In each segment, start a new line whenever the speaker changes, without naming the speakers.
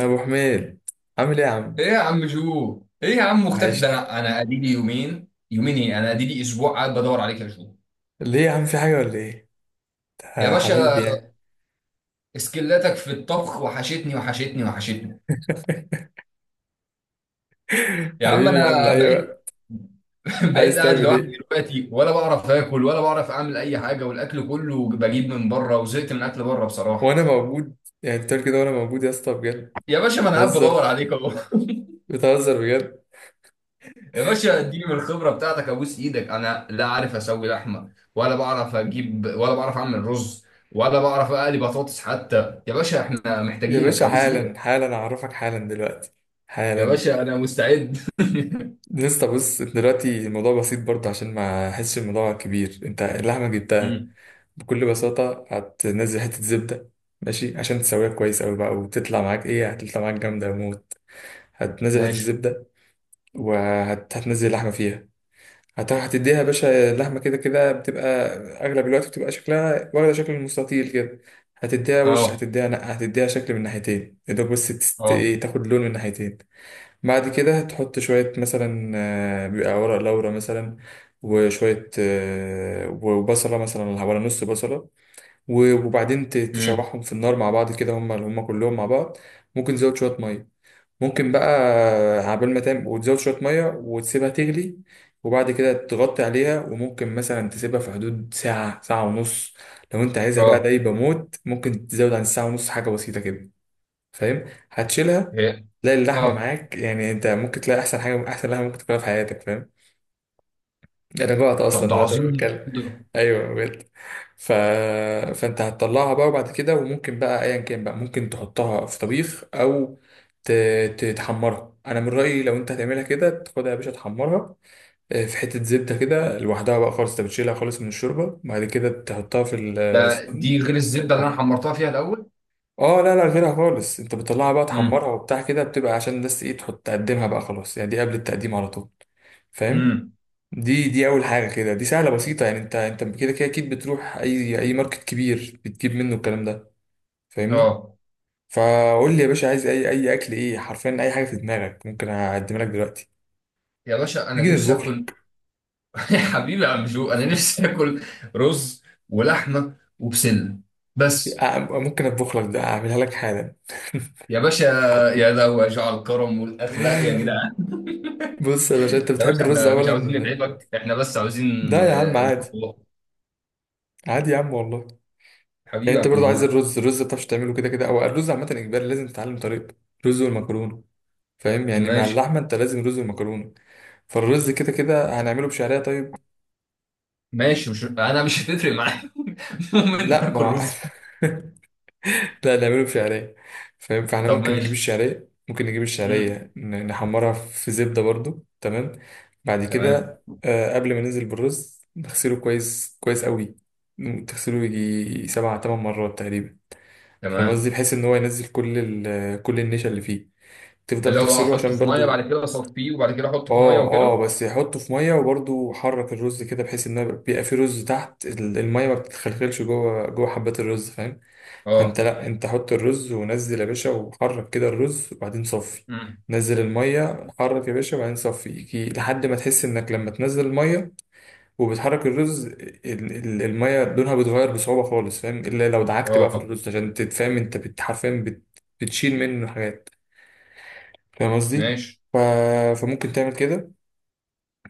ابو حميد، عامل ايه يا عم؟
ايه يا عم جو، ايه يا عم، مختفي. ده
وحشني.
انا اديلي يومين يومين، ايه، انا اديلي اسبوع، قاعد بدور عليك يا جو.
ليه يا عم، في حاجه ولا ايه؟
يا
آه حبيبي،
باشا،
يعني.
سكلاتك في الطبخ وحشتني وحشتني وحشتني. يا عم
حبيبي يا عم،
انا
ايوه.
بقيت بقيت
عايز
قاعد
تعمل
لوحدي
ايه
دلوقتي، ولا بعرف اكل ولا بعرف اعمل اي حاجه، والاكل كله بجيب من بره، وزهقت من اكل بره بصراحه.
وانا موجود؟ يعني انت بتعمل كده وانا موجود يا اسطى بجد.
يا باشا، ما انا قاعد بدور
بتهزر،
عليك اهو
بتهزر بجد.
يا باشا، اديني من الخبرة بتاعتك، ابوس ايدك، انا لا عارف اسوي لحمة، ولا بعرف اجيب، ولا بعرف اعمل رز، ولا بعرف اقلي بطاطس حتى، يا باشا احنا
يا
محتاجينك،
باشا
ابوس ايدك.
حالا حالا اعرفك، حالا دلوقتي،
يا
حالا.
باشا، انا مستعد.
لسه بص دلوقتي الموضوع بسيط برضه، عشان ما احسش الموضوع كبير. انت اللحمه جبتها،
مم.
بكل بساطه هتنزل حته زبده. ماشي؟ عشان تسويها كويس قوي بقى وتطلع معاك ايه، هتطلع معاك جامده موت. هتنزل حته
ماشي.
زبده وهتنزل اللحمة فيها. هتديها يا باشا، اللحمة كده كده بتبقى أغلب الوقت بتبقى شكلها واخدة شكل المستطيل كده. هتديها وش،
اه،
هتديها نقع، هتديها شكل من ناحيتين، يا دوب بس تست...
اه.
إيه، تاخد لون من ناحيتين. بعد كده تحط شوية مثلا بيبقى ورق لورا مثلا، وشوية وبصلة مثلا ولا نص بصلة. وبعدين ت-
مم.
تشوحهم في النار مع بعض كده، هم كلهم مع بعض. ممكن تزود شوية مية، ممكن بقى عبال ما تعمل وتزود شوية مية وتسيبها تغلي. وبعد كده تغطي عليها، وممكن مثلا تسيبها في حدود ساعة، ساعة ونص. لو انت عايزها بقى
اه.
دايبة موت، ممكن تزود عن ساعة ونص حاجة بسيطة كده. فاهم؟ هتشيلها
هي.
تلاقي اللحمة
اه.
معاك، يعني انت ممكن تلاقي أحسن حاجة، أحسن لحمة ممكن تاكلها في حياتك. فاهم؟ انا جوعت
طب
اصلا
ده
دلوقتي وانا
عظيم
بتكلم.
ده.
ايوه بجد. ف... فانت هتطلعها بقى، وبعد كده وممكن بقى ايا كان بقى ممكن تحطها في طبيخ او ت... ت- تحمرها. انا من رايي لو انت هتعملها كده، تاخدها يا باشا تحمرها، في حته زبده كده لوحدها بقى خالص. انت بتشيلها خالص من الشوربه، بعد كده تحطها في
ده
السمنه،
دي غير الزبدة اللي انا
تحمرها.
حمرتها فيها الاول.
اه لا لا، غيرها خالص. انت بتطلعها بقى تحمرها
امم.
وبتاع كده، بتبقى عشان بس ايه، تحط تقدمها بقى، خلاص يعني. دي قبل التقديم على طول. فاهم؟
امم.
دي دي اول حاجه كده، دي سهله بسيطه. يعني انت كده كده اكيد بتروح اي ماركت كبير بتجيب منه الكلام ده. فاهمني؟
اه.
فقول لي يا باشا، عايز اي اكل، ايه حرفيا، اي حاجه في دماغك ممكن اقدم لك دلوقتي.
يا باشا، انا
نيجي
نفسي
نطبخ
اكل.
لك.
يا حبيبي يا عم جو، انا نفسي اكل رز ولحمه وبسله، بس.
ممكن اطبخ لك ده، اعملها لك حالا.
يا باشا، يا لو يا جعل الكرم والاخلاق يا جدعان
بص يا باشا، انت
يا
بتحب
باشا،
الرز
احنا مش عاوزين
اولا؟
نتعبك، احنا بس
ده
عاوزين
يا عم عادي،
البطولات.
عادي يا عم والله.
حبيبي
يعني انت
يا عم
برضو عايز
جو.
الرز، ما بتعرفش تعمله كده كده، او الرز عامه اجباري لازم تتعلم طريقته. رز والمكرونه، فاهم؟ يعني مع
ماشي.
اللحمه انت لازم رز ومكرونه. فالرز كده كده هنعمله بشعرية، طيب؟
ماشي، مش انا مش هتفرق معايا المهم ان
لا
انا
ما
اكل
هو
رز.
لا نعمله بشعرية، فاهم؟ فاحنا
طب
ممكن نجيب
ماشي.
الشعرية، ممكن نجيب
مم.
الشعرية نحمرها في زبدة برضو. تمام؟ بعد
تمام.
كده قبل ما ننزل بالرز نغسله كويس كويس قوي. تغسله يجي سبع تمن مرات تقريبا. فاهم قصدي؟
تمام.
بحيث ان هو ينزل كل كل النشا اللي فيه. تفضل
اللي هو
تغسله
احطه
عشان
في ميه،
برضو،
بعد كده اصفيه، وبعد كده احطه في ميه،
اه اه،
وكده.
بس يحطه في ميه وبرضه حرك الرز كده، بحيث ان بيبقى فيه رز تحت الميه، ما بتتخلخلش جوه جوه حبات الرز. فاهم؟ فانت
اه.
لا، انت حط الرز ونزل يا باشا، وحرك كده الرز، وبعدين صفي.
مم.
نزل الميه، حرك يا باشا، وبعدين صفي، يجي لحد ما تحس انك لما تنزل الميه وبتحرك الرز، الميه لونها بيتغير بصعوبه خالص. فاهم؟ الا لو دعكت بقى في
اه.
الرز عشان تتفهم انت حرفيا بتشيل منه حاجات. فاهم قصدي؟
ماشي.
ف- فممكن تعمل كده.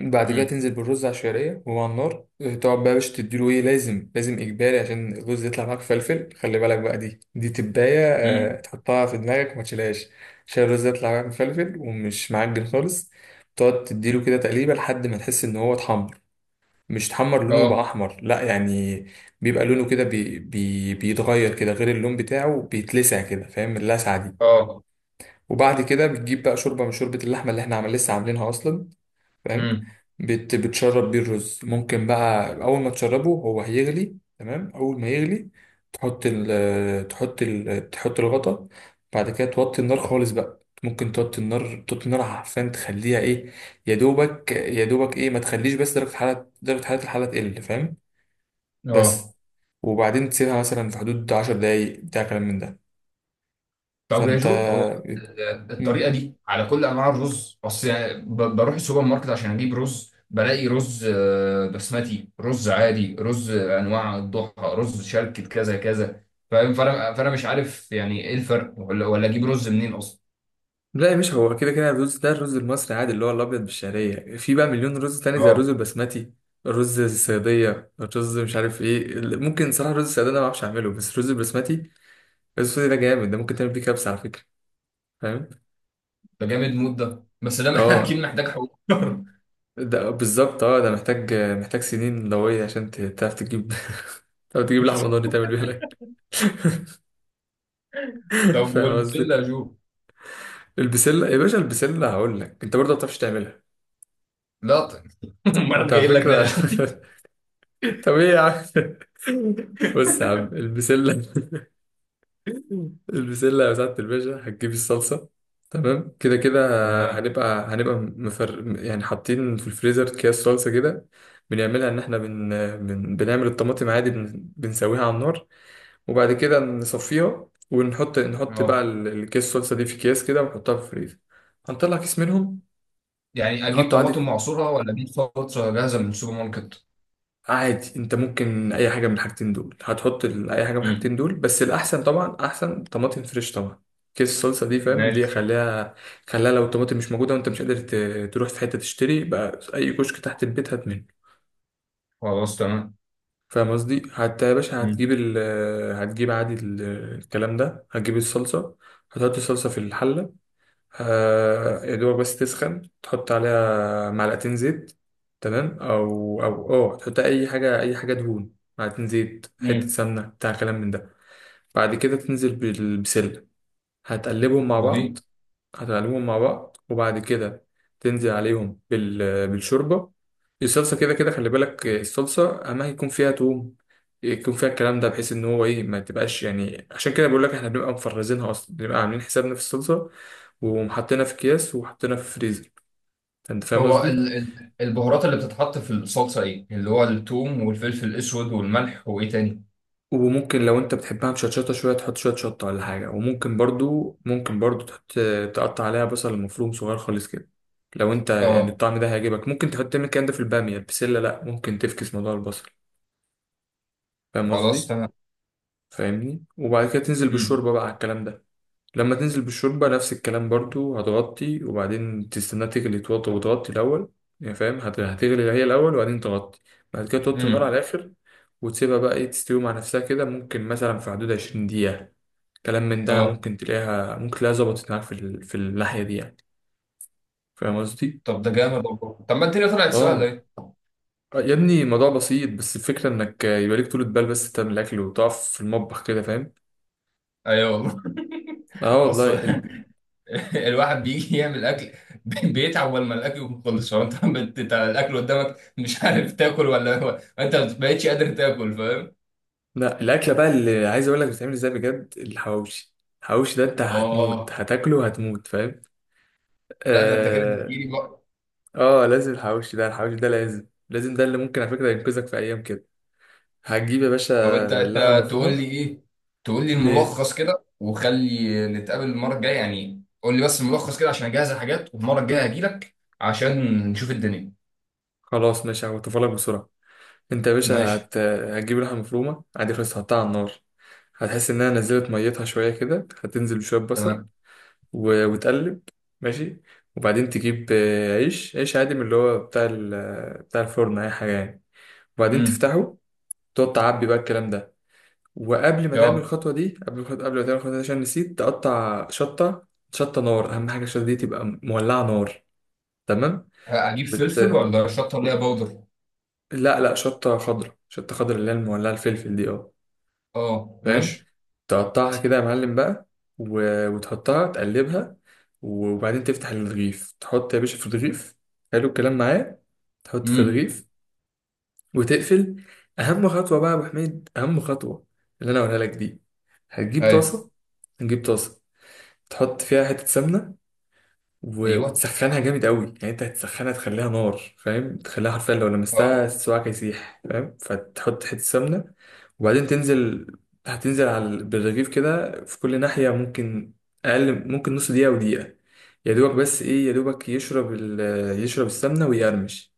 بعد كده
مم.
تنزل بالرز على الشعريه وهو على النار. تقعد بقى يا باشا تديله ايه، لازم لازم اجباري، عشان الرز يطلع معاك فلفل. خلي بالك بقى، دي تبايه،
مم.
تحطها في دماغك وما تشيلهاش. عشان الرز يطلع معاك مفلفل ومش معجن خالص. تقعد تديله كده تقليبه لحد ما تحس ان هو اتحمر، مش اتحمر لونه بقى
اه.
احمر لا يعني، بيبقى لونه كده بي بي بيتغير كده، غير اللون بتاعه، بيتلسع كده، فاهم اللسعه دي؟
اه.
وبعد كده بتجيب بقى شوربه من شوربه اللحمه اللي احنا عمل لسه عاملينها اصلا. فاهم؟
امم.
بتشرب بيه الرز. ممكن بقى اول ما تشربه هو هيغلي، تمام؟ اول ما يغلي تحط الغطا. بعد كده توطي النار خالص بقى، ممكن توطي النار، توطي النار عشان تخليها ايه، يا دوبك ايه، ما تخليش بس درجة حرارة، الحلة تقل. فاهم؟
اه.
بس. وبعدين تسيبها مثلا في حدود 10 دقايق بتاع كلام من ده.
طب يا
فانت
جو، هو الطريقه
مم.
دي على كل انواع الرز؟ اصل يعني بروح السوبر ماركت عشان اجيب رز، بلاقي رز بسمتي، رز عادي، رز انواع الضحى، رز شركة كذا كذا. فاهم؟ فانا مش عارف يعني ايه الفرق، ولا اجيب رز منين اصلا.
لا يا باشا، هو كده كده الرز ده الرز المصري عادي، اللي هو الابيض بالشعريه. في بقى مليون رز تاني زي الرز
اه.
البسمتي، الرز الصياديه، الرز مش عارف ايه. ممكن صراحه الرز الصياديه ده ما بعرفش اعمله، بس الرز البسمتي، الرز البسمتي ده جامد، ده ممكن تعمل بيه كبسه على فكره. فاهم؟
ده جامد مود ده، بس ده اكيد
اه
محتاج حوار.
ده بالظبط، اه ده محتاج سنين لويه عشان تعرف تجيب تعرف تجيب لحمه ضاني تعمل بيها الاكل.
طب
فاهم
والبسله
قصدي؟
يا جو؟
البسله يا باشا، البسله هقول لك انت برضه ما بتعرفش تعملها.
لا طيب. امال
انت
أنا
على
جاي لك ده يا
فكره
جو.
طب ايه يا عم. بص يا عم البسله، البسلة بتاعت الباشا هتجيبي الصلصة. تمام؟ كده كده
تمام.
هنبقى مفر يعني، حاطين في الفريزر اكياس صلصة كده. بنعملها إن إحنا بنعمل الطماطم عادي، بنسويها على النار. وبعد كده نصفيها، ونحط بقى
اه.
الكيس الصلصة دي في أكياس كده، ونحطها في الفريزر. هنطلع كيس منهم،
يعني اجيب
نحطه عادي.
طماطم معصوره، ولا اجيب صلصه جاهزه من السوبر ماركت؟
عادي، انت ممكن اي حاجه من الحاجتين دول. هتحط اي حاجه من الحاجتين
مم.
دول، بس الاحسن طبعا، احسن طماطم فريش طبعا. كيس الصلصه دي فاهم، دي
ماشي.
خليها. خليها لو الطماطم مش موجوده وانت مش قادر تروح في حته تشتري بقى، اي كشك تحت البيت هات منه.
خلاص تمام.
فاهم قصدي؟ حتى يا باشا
مم.
هتجيب عادي الكلام ده، هتجيب الصلصه، هتحط الصلصه في الحله. يا دوبك بس تسخن، تحط عليها معلقتين زيت. تمام؟ او او تحط اي حاجه، اي حاجه دهون، معلقتين زيت، حته
مم.
سمنه، بتاع كلام من ده. بعد كده تنزل بالبسله، هتقلبهم مع بعض.
عظيم.
هتقلبهم مع بعض، وبعد كده تنزل عليهم بالشوربة. الصلصة كده كده، خلي بالك، الصلصة أما يكون فيها توم، يكون فيها الكلام ده، بحيث إن هو إيه، ما تبقاش يعني. عشان كده بقول لك إحنا بنبقى مفرزينها أصلا، بنبقى عاملين حسابنا في الصلصة ومحطينها في أكياس وحطينها في الفريزر. أنت فاهم
هو
قصدي؟
ال البهارات اللي بتتحط في الصلصة ايه؟ اللي هو الثوم والفلفل الأسود والملح وإيه تاني؟
وممكن لو انت بتحبها مشطشطة شوية، تحط شوية شطة ولا حاجة. وممكن برضو، ممكن برضو تحط، تقطع عليها بصل مفروم صغير خالص كده، لو انت يعني
اه.
الطعم ده هيعجبك. ممكن تحط تعمل الكلام ده في البامية، البسلة لأ، ممكن تفكس موضوع البصل. فاهم
خلاص
قصدي؟
تمام.
فاهمني؟ وبعد كده تنزل
مم.
بالشوربة بقى على الكلام ده. لما تنزل بالشوربة نفس الكلام برضو، هتغطي وبعدين تستناها تغلي، توطي وتغطي الأول. يعني فاهم، هتغلي هي الأول وبعدين تغطي، بعد كده توطي النار
مم.
على الآخر. وتسيبها بقى إيه تستوي مع نفسها كده. ممكن مثلا في حدود 20 دقيقة كلام من ده.
اه.
ممكن تلاقيها، ممكن تلاقيها ظبطت معاك في في الناحية دي يعني. فاهم قصدي؟
طب ده جامد والله. طب ما الدنيا طلعت سهلة
اه.
ايه؟
آه يا ابني الموضوع بسيط، بس الفكرة انك يبقى ليك طولة بال بس، تعمل الأكل وتقف في المطبخ كده. فاهم؟
ايوه والله.
اه
اصلا
والله.
الواحد بيجي يعمل اكل بيتعب اول ما الاكل يكون خلص. هو انت انت الاكل قدامك مش عارف تاكل، ولا هو انت ما بقتش قادر تاكل، فاهم؟
لا الاكله بقى اللي عايز اقول لك بتتعمل ازاي بجد، الحواوشي. الحواوشي ده انت هتموت،
اه.
هتاكله هتموت. فاهم؟
لا، ده انت كده تحكي
اه.
لي بقى.
اه لازم، الحواوشي ده، الحواوشي ده لازم لازم، ده اللي ممكن على فكره ينقذك في ايام كده. هتجيب يا باشا
او انت
اللحمه
انت تقول
المفرومه.
لي ايه، تقول لي
ايه،
الملخص كده، وخلي نتقابل المره الجايه، يعني قول لي بس الملخص كده عشان اجهز الحاجات، والمره الجايه هجي لك عشان نشوف الدنيا.
خلاص ماشي هقطفها لك بسرعه. انت يا باشا
ماشي.
هتجيب اللحمه المفرومه عادي خلاص، هتحطها على النار. هتحس انها نزلت ميتها شويه كده، هتنزل بشويه بصل
تمام.
وتقلب. ماشي. وبعدين تجيب عيش، عيش عادي من اللي هو بتاع بتاع الفرن، اي حاجه يعني. وبعدين
امم.
تفتحه، تقعد تعبي بقى الكلام ده. وقبل ما تعمل
اه.
الخطوه دي، قبل ما تعمل الخطوه دي، عشان نسيت تقطع شطه. شطه نار، اهم حاجه الشطه دي تبقى مولعه نار. تمام؟
هجيب
وت...
فلفل، ولا شطه، ولا باودر؟
لا لا شطه خضراء، شطه خضراء اللي هي المولعه، الفلفل دي، اه.
اه
فاهم؟
ماشي.
تقطعها كده يا معلم بقى، وتحطها تقلبها. وبعدين تفتح الرغيف، تحط يا باشا في الرغيف. حلو الكلام معايا؟ تحط في
امم.
الرغيف وتقفل. اهم خطوه بقى يا ابو حميد، اهم خطوه اللي انا هقولها لك دي. هتجيب
ايوه.
طاسه، هتجيب طاسه تحط فيها حته سمنه و-
ايوه.
وتسخنها جامد قوي. يعني انت هتسخنها تخليها نار، فاهم؟ تخليها حرفيا لو
اه.
لمستها صباعك هيسيح. فاهم؟ فتحط حتة سمنة، وبعدين تنزل، هتنزل على بالرغيف كده في كل ناحية ممكن. أقل ممكن نص دقيقة، ودقيقة، يا دوبك بس إيه، يا دوبك يشرب يشرب السمنة ويقرمش.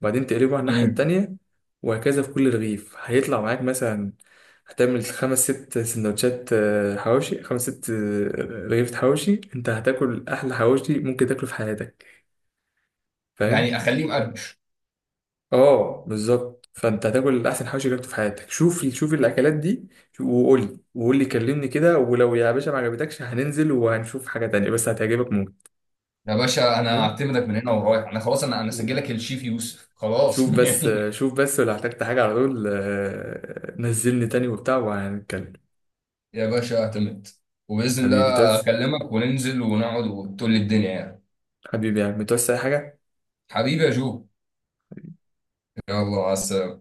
وبعدين تقلبه على الناحية
امم.
التانية، وهكذا في كل رغيف. هيطلع معاك مثلا، هتعمل خمس ست سندوتشات حواوشي، خمس ست رغيف حواوشي. انت هتاكل احلى حواوشي ممكن تاكله في حياتك. فاهم؟
يعني اخليه مقرمش؟
اه بالظبط، فانت هتاكل احسن حواوشي جربته في حياتك. شوف شوف الاكلات دي، وقول لي، وقول لي كلمني كده. ولو يا باشا ما عجبتكش، هننزل وهنشوف حاجة تانية، بس هتعجبك موت.
يا باشا، انا
فاهم؟
اعتمدك من هنا ورايح، انا خلاص، انا سجلك الشيف يوسف، خلاص
شوف بس،
يعني.
شوف بس لو احتجت حاجة على طول، نزلني تاني وبتاع وهنتكلم.
يا باشا، اعتمد. وبإذن
حبيبي،
الله
تعوز
أكلمك، وننزل، ونقعد، وتقول لي الدنيا يعني.
حبيبي يعني متوسع أي حاجة.
حبيبي يا جو. يلا مع السلامة.